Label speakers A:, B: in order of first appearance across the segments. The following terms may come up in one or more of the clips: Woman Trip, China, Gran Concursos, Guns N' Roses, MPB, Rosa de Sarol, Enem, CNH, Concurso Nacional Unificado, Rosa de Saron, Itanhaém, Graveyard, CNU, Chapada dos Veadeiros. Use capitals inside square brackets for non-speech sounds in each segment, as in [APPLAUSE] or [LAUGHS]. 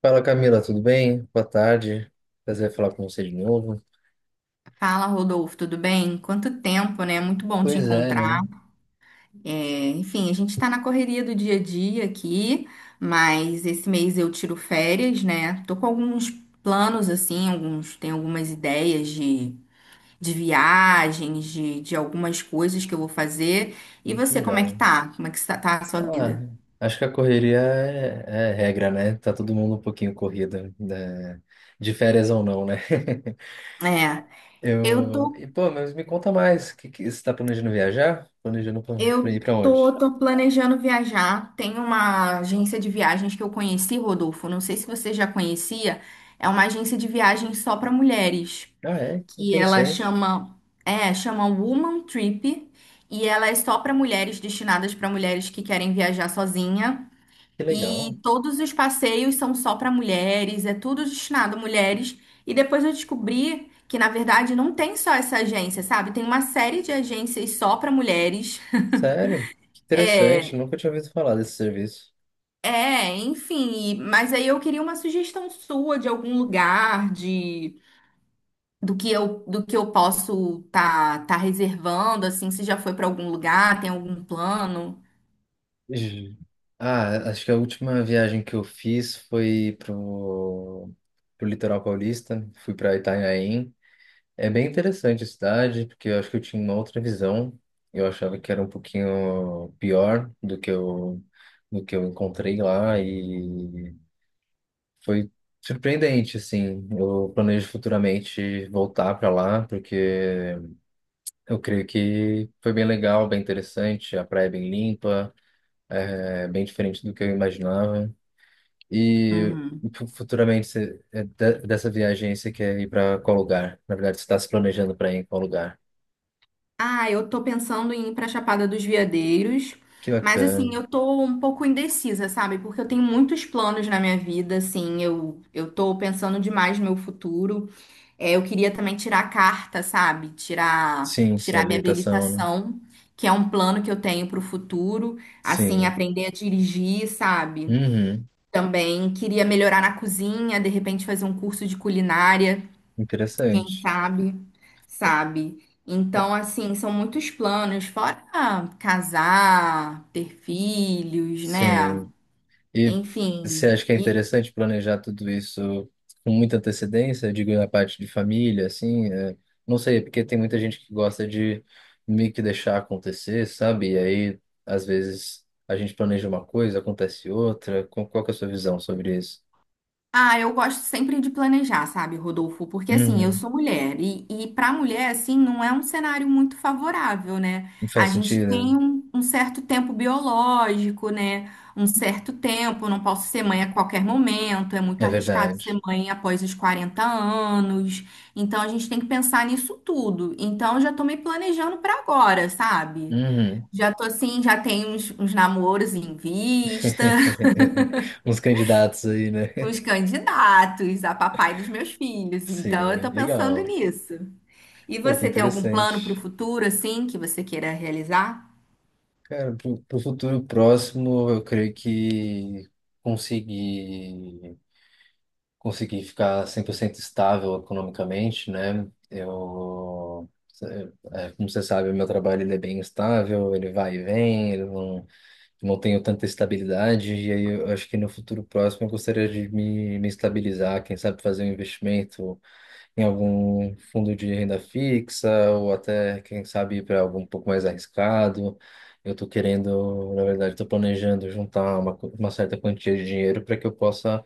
A: Fala Camila, tudo bem? Boa tarde. Prazer em falar com você de novo.
B: Fala, Rodolfo, tudo bem? Quanto tempo, né? Muito bom te
A: Pois é,
B: encontrar.
A: né?
B: É, enfim, a gente está na correria do dia a dia aqui, mas esse mês eu tiro férias, né? Tô com alguns planos, assim, alguns, tenho algumas ideias de viagens, de algumas coisas que eu vou fazer. E
A: Que
B: você, como é que
A: legal.
B: tá? Como é que tá a sua
A: Ah,
B: vida?
A: acho que a correria é regra, né? Tá todo mundo um pouquinho corrido, né? De férias ou não, né?
B: É,
A: [LAUGHS]
B: eu tô
A: E, pô, mas me conta mais. Você tá planejando viajar? Planejando pra
B: Eu
A: ir pra
B: tô,
A: onde?
B: tô planejando viajar. Tem uma agência de viagens que eu conheci, Rodolfo. Não sei se você já conhecia. É uma agência de viagens só para mulheres,
A: Ah, é? Que
B: que ela
A: interessante.
B: chama Woman Trip, e ela é só para mulheres, destinadas para mulheres que querem viajar sozinha.
A: Que
B: E
A: legal.
B: todos os passeios são só para mulheres, é tudo destinado a mulheres. E depois eu descobri que, na verdade, não tem só essa agência, sabe? Tem uma série de agências só para mulheres.
A: Sério? Que interessante.
B: É,
A: Nunca tinha ouvido falar desse serviço.
B: é, enfim, mas aí eu queria uma sugestão sua de algum lugar, de do que eu posso tá reservando, assim, se já foi para algum lugar, tem algum plano?
A: Ju- Ah, acho que a última viagem que eu fiz foi pro litoral paulista, fui para Itanhaém. É bem interessante a cidade, porque eu acho que eu tinha uma outra visão. Eu achava que era um pouquinho pior do que eu, encontrei lá e foi surpreendente, assim. Eu planejo futuramente voltar para lá, porque eu creio que foi bem legal, bem interessante, a praia é bem limpa. É bem diferente do que eu imaginava. E
B: Uhum.
A: futuramente, você, dessa viagem, aí, você quer ir para qual lugar? Na verdade, você está se planejando para ir em qual lugar?
B: Ah, eu tô pensando em ir pra Chapada dos Veadeiros,
A: Que
B: mas
A: bacana.
B: assim, eu tô um pouco indecisa, sabe? Porque eu tenho muitos planos na minha vida, assim, eu tô pensando demais no meu futuro. É, eu queria também tirar a carta, sabe? Tirar,
A: Sim, sim,
B: tirar minha
A: habilitação, né?
B: habilitação, que é um plano que eu tenho para o futuro, assim,
A: Sim.
B: aprender a dirigir, sabe?
A: Uhum.
B: Também queria melhorar na cozinha, de repente fazer um curso de culinária, quem
A: Interessante.
B: sabe, sabe? Então, assim, são muitos planos, fora casar, ter filhos, né?
A: Sim. E você
B: Enfim,
A: acha que é interessante planejar tudo isso com muita antecedência? Digo, na parte de família, assim, não sei, porque tem muita gente que gosta de meio que deixar acontecer, sabe? E aí, às vezes, a gente planeja uma coisa, acontece outra. Qual que é a sua visão sobre isso?
B: Ah, eu gosto sempre de planejar, sabe, Rodolfo? Porque assim, eu
A: Uhum.
B: sou mulher e para mulher, assim, não é um cenário muito favorável, né?
A: Não
B: A
A: faz
B: gente
A: sentido, né?
B: tem um certo tempo biológico, né? Um certo tempo, não posso ser mãe a qualquer momento, é muito
A: É
B: arriscado
A: verdade.
B: ser mãe após os 40 anos. Então a gente tem que pensar nisso tudo. Então eu já tô me planejando para agora, sabe?
A: Uhum.
B: Já tô assim, já tenho uns namoros em vista,
A: [LAUGHS] Uns candidatos aí, né?
B: os candidatos a papai dos meus filhos. Então, eu
A: Sim,
B: tô pensando
A: legal.
B: nisso. E
A: Pô, que
B: você tem algum plano para o
A: interessante.
B: futuro, assim, que você queira realizar?
A: Cara, pro futuro próximo, eu creio que conseguir, ficar 100% estável economicamente, né? Eu, como você sabe, o meu trabalho ele é bem estável, ele vai e vem, eu não tenho tanta estabilidade, e aí eu acho que no futuro próximo eu gostaria de me estabilizar, quem sabe fazer um investimento, em algum fundo de renda fixa ou até, quem sabe, para algo um pouco mais arriscado. Eu estou querendo, na verdade, estou planejando juntar uma certa quantia de dinheiro para que eu possa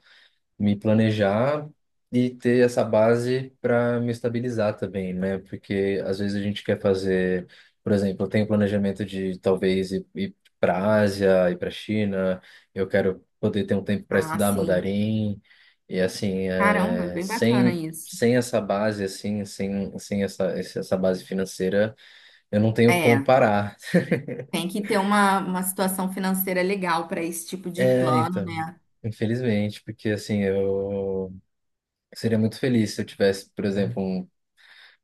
A: me planejar e ter essa base para me estabilizar também, né? Porque às vezes a gente quer fazer, por exemplo, eu tenho planejamento de talvez ir, para a Ásia, ir para a China, eu quero poder ter um tempo para
B: Ah,
A: estudar
B: sim.
A: mandarim e assim,
B: Caramba, bem bacana
A: sem
B: isso.
A: essa base assim, sem essa base financeira, eu não tenho como
B: É,
A: parar. [LAUGHS]
B: tem que ter uma situação financeira legal para esse tipo de
A: É,
B: plano,
A: então,
B: né?
A: infelizmente, porque assim, eu seria muito feliz se eu tivesse, por exemplo, um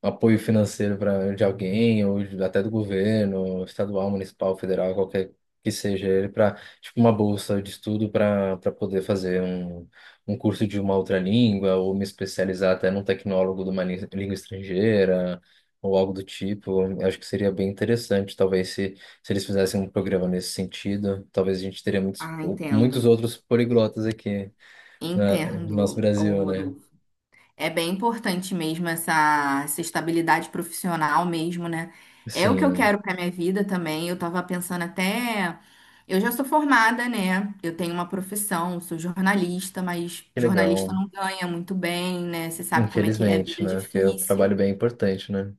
A: apoio financeiro para de alguém ou até do governo, estadual, municipal, federal, qualquer que seja ele, para tipo uma bolsa de estudo para poder fazer um curso de uma outra língua ou me especializar até num tecnólogo de uma língua estrangeira ou algo do tipo. Eu acho que seria bem interessante, talvez se eles fizessem um programa nesse sentido, talvez a gente teria muitos
B: Ah,
A: muitos
B: entendo.
A: outros poliglotas aqui no nosso
B: Entendo, ô
A: Brasil, né?
B: Rodolfo. É bem importante mesmo essa estabilidade profissional mesmo, né? É o que eu
A: Sim,
B: quero para minha vida também. Eu tava pensando até, eu já sou formada, né? Eu tenho uma profissão, sou jornalista, mas
A: que
B: jornalista
A: legal.
B: não ganha muito bem, né? Você sabe como é que é, a
A: Infelizmente,
B: vida é
A: né? Porque o trabalho
B: difícil.
A: bem importante, né?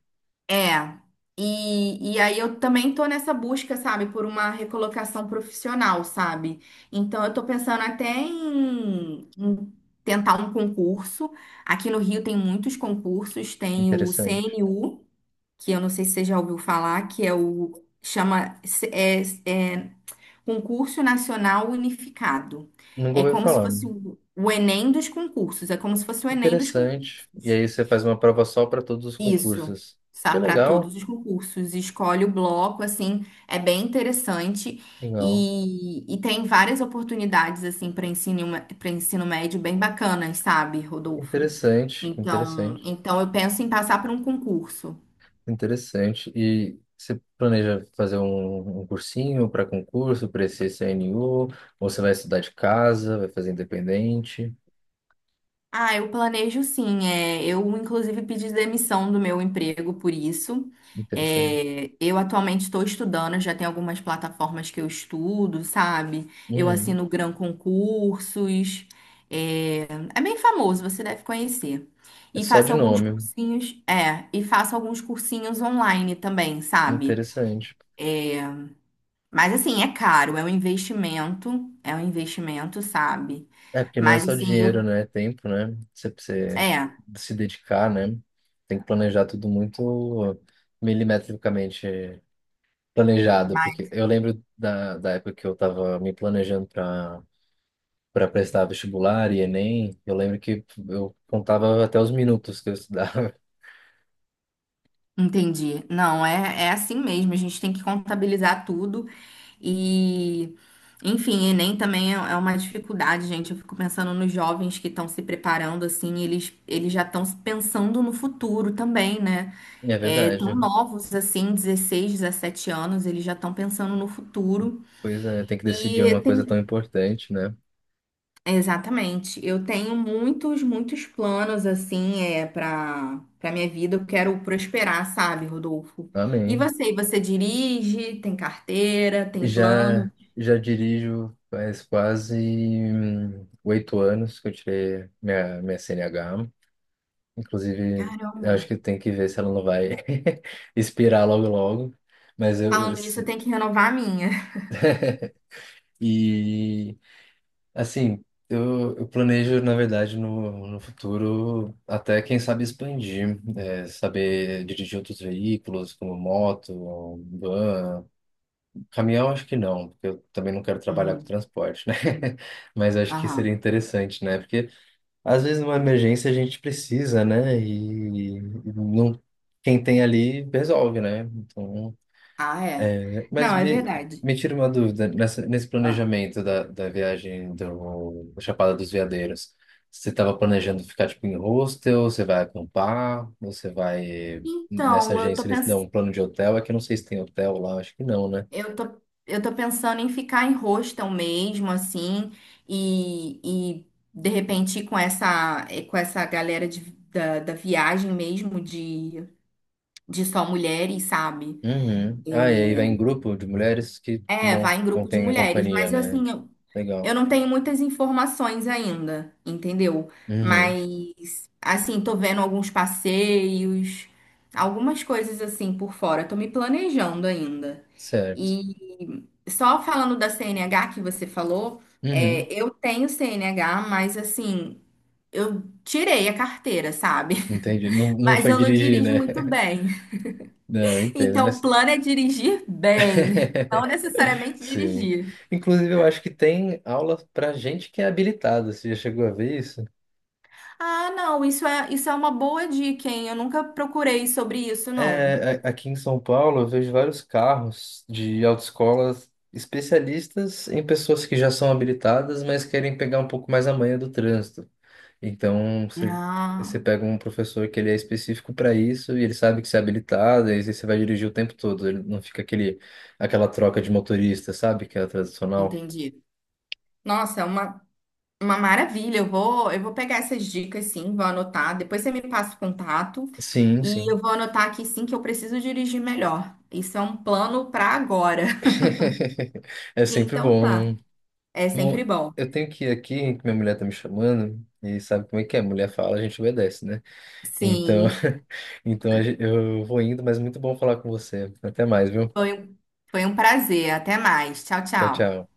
B: É. E aí eu também tô nessa busca, sabe, por uma recolocação profissional, sabe? Então eu tô pensando até em tentar um concurso. Aqui no Rio tem muitos concursos, tem o
A: Interessante.
B: CNU, que eu não sei se você já ouviu falar, que é o, chama, é Concurso Nacional Unificado.
A: Nunca
B: É
A: ouvi
B: como se
A: falar.
B: fosse o Enem dos concursos, é como se fosse o Enem dos
A: Interessante. E
B: concursos.
A: aí você faz uma prova só para todos os
B: Isso,
A: concursos. Que
B: para
A: legal.
B: todos os concursos. Escolhe o bloco, assim, é bem interessante.
A: Legal.
B: E tem várias oportunidades, assim, para ensino médio bem bacanas, sabe, Rodolfo?
A: Interessante,
B: Então,
A: interessante,
B: então eu penso em passar por um concurso.
A: interessante. E você planeja fazer um cursinho para concurso, para esse CNU? Ou você vai estudar de casa, vai fazer independente?
B: Ah, eu planejo sim. É, eu, inclusive, pedi demissão do meu emprego por isso.
A: Interessante.
B: É, eu atualmente estou estudando, já tem algumas plataformas que eu estudo, sabe? Eu
A: Uhum.
B: assino Gran Concursos. É, é bem famoso, você deve conhecer.
A: É
B: E
A: só
B: faço
A: de
B: alguns
A: nome.
B: cursinhos, é, e faço alguns cursinhos online também, sabe?
A: Interessante.
B: Mas assim, é caro, é um investimento, sabe?
A: É, porque não é
B: Mas
A: só
B: assim,
A: dinheiro, né? É tempo, né? Você precisa
B: é.
A: se dedicar, né? Tem que planejar tudo muito milimetricamente planejado. Porque eu lembro da época que eu estava me planejando para prestar vestibular e Enem. Eu lembro que eu contava até os minutos que eu estudava. [LAUGHS]
B: Entendi. Não, é assim mesmo. A gente tem que contabilizar tudo e, enfim, Enem também é uma dificuldade, gente. Eu fico pensando nos jovens que estão se preparando, assim, eles já estão pensando no futuro também, né?
A: É
B: É, tão
A: verdade.
B: novos, assim, 16, 17 anos, eles já estão pensando no futuro.
A: Pois é, tem que decidir
B: E
A: uma coisa
B: tem
A: tão importante, né?
B: Exatamente. Eu tenho muitos, muitos planos assim, é para minha vida. Eu quero prosperar, sabe, Rodolfo? E
A: Amém.
B: você? E você dirige? Tem carteira? Tem plano?
A: Já dirijo faz quase 8 anos que eu tirei minha CNH. Inclusive, eu
B: Caramba.
A: acho que tem que ver se ela não vai [LAUGHS] expirar logo logo. Mas eu, eu-
B: Falando nisso, eu
A: se-
B: tenho que renovar a minha. [LAUGHS]
A: e assim, eu planejo, na verdade, no futuro até, quem sabe, expandir, saber dirigir outros veículos, como moto, van, caminhão, acho que não, porque eu também não quero trabalhar com
B: Uhum.
A: transporte, né? [LAUGHS] Mas acho que seria
B: Aham.
A: interessante, né? Porque às vezes numa emergência a gente precisa, né? E não, quem tem ali resolve, né? Então,
B: Ah, é.
A: mas
B: Não, é
A: me,
B: verdade.
A: me tira uma dúvida, nesse
B: Ah.
A: planejamento da viagem do, Chapada dos Veadeiros, você estava planejando ficar tipo em hostel, você vai acampar, você vai. Nessa
B: Então,
A: agência eles dão um plano de hotel, é que eu não sei se tem hotel lá, acho que não, né?
B: Eu tô, eu tô pensando em ficar em hostel mesmo, assim, e de repente ir com essa galera da viagem mesmo de só mulheres, sabe?
A: Uhum. Ah, e aí vai em grupo de mulheres que
B: É, vai
A: não,
B: em
A: não
B: grupo de
A: tem
B: mulheres,
A: companhia,
B: mas eu,
A: né?
B: assim,
A: Tipo,
B: eu
A: legal.
B: não tenho muitas informações ainda, entendeu?
A: Uhum.
B: Mas, assim, tô vendo alguns passeios, algumas coisas assim por fora. Tô me planejando ainda.
A: Certo.
B: E só falando da CNH que você falou,
A: Uhum.
B: eu tenho CNH, mas assim, eu tirei a carteira, sabe?
A: Entendi.
B: [LAUGHS]
A: Não, não
B: Mas
A: foi
B: eu não
A: dirigir,
B: dirijo
A: né?
B: muito
A: [LAUGHS]
B: bem.
A: Não, eu entendo,
B: Então, o
A: mas.
B: plano é dirigir bem, não
A: [LAUGHS]
B: necessariamente
A: Sim.
B: dirigir.
A: Inclusive, eu acho que tem aula pra gente que é habilitada. Você já chegou a ver isso?
B: Ah, não, isso é uma boa dica, hein? Eu nunca procurei sobre isso, não.
A: É, aqui em São Paulo, eu vejo vários carros de autoescolas especialistas em pessoas que já são habilitadas, mas querem pegar um pouco mais a manha do trânsito. Então,
B: Ah,
A: você pega um professor que ele é específico para isso e ele sabe que você é habilitado, e aí você vai dirigir o tempo todo. Ele não fica aquele, aquela troca de motorista, sabe? Que é a tradicional.
B: entendi. Nossa, é uma maravilha, eu vou pegar essas dicas sim, vou anotar. Depois você me passa o contato
A: Sim,
B: e eu
A: sim.
B: vou anotar aqui sim que eu preciso dirigir melhor. Isso é um plano para agora. [LAUGHS]
A: [LAUGHS] É sempre
B: Então
A: bom,
B: tá,
A: né?
B: é sempre
A: Bom,
B: bom.
A: eu tenho que ir aqui, que minha mulher tá me chamando, e sabe como é que é? Mulher fala, a gente obedece, né? Então,
B: Sim,
A: [LAUGHS] eu vou indo, mas muito bom falar com você. Até mais, viu?
B: foi, um- foi um prazer. Até mais. Tchau,
A: Tchau, tchau.
B: tchau.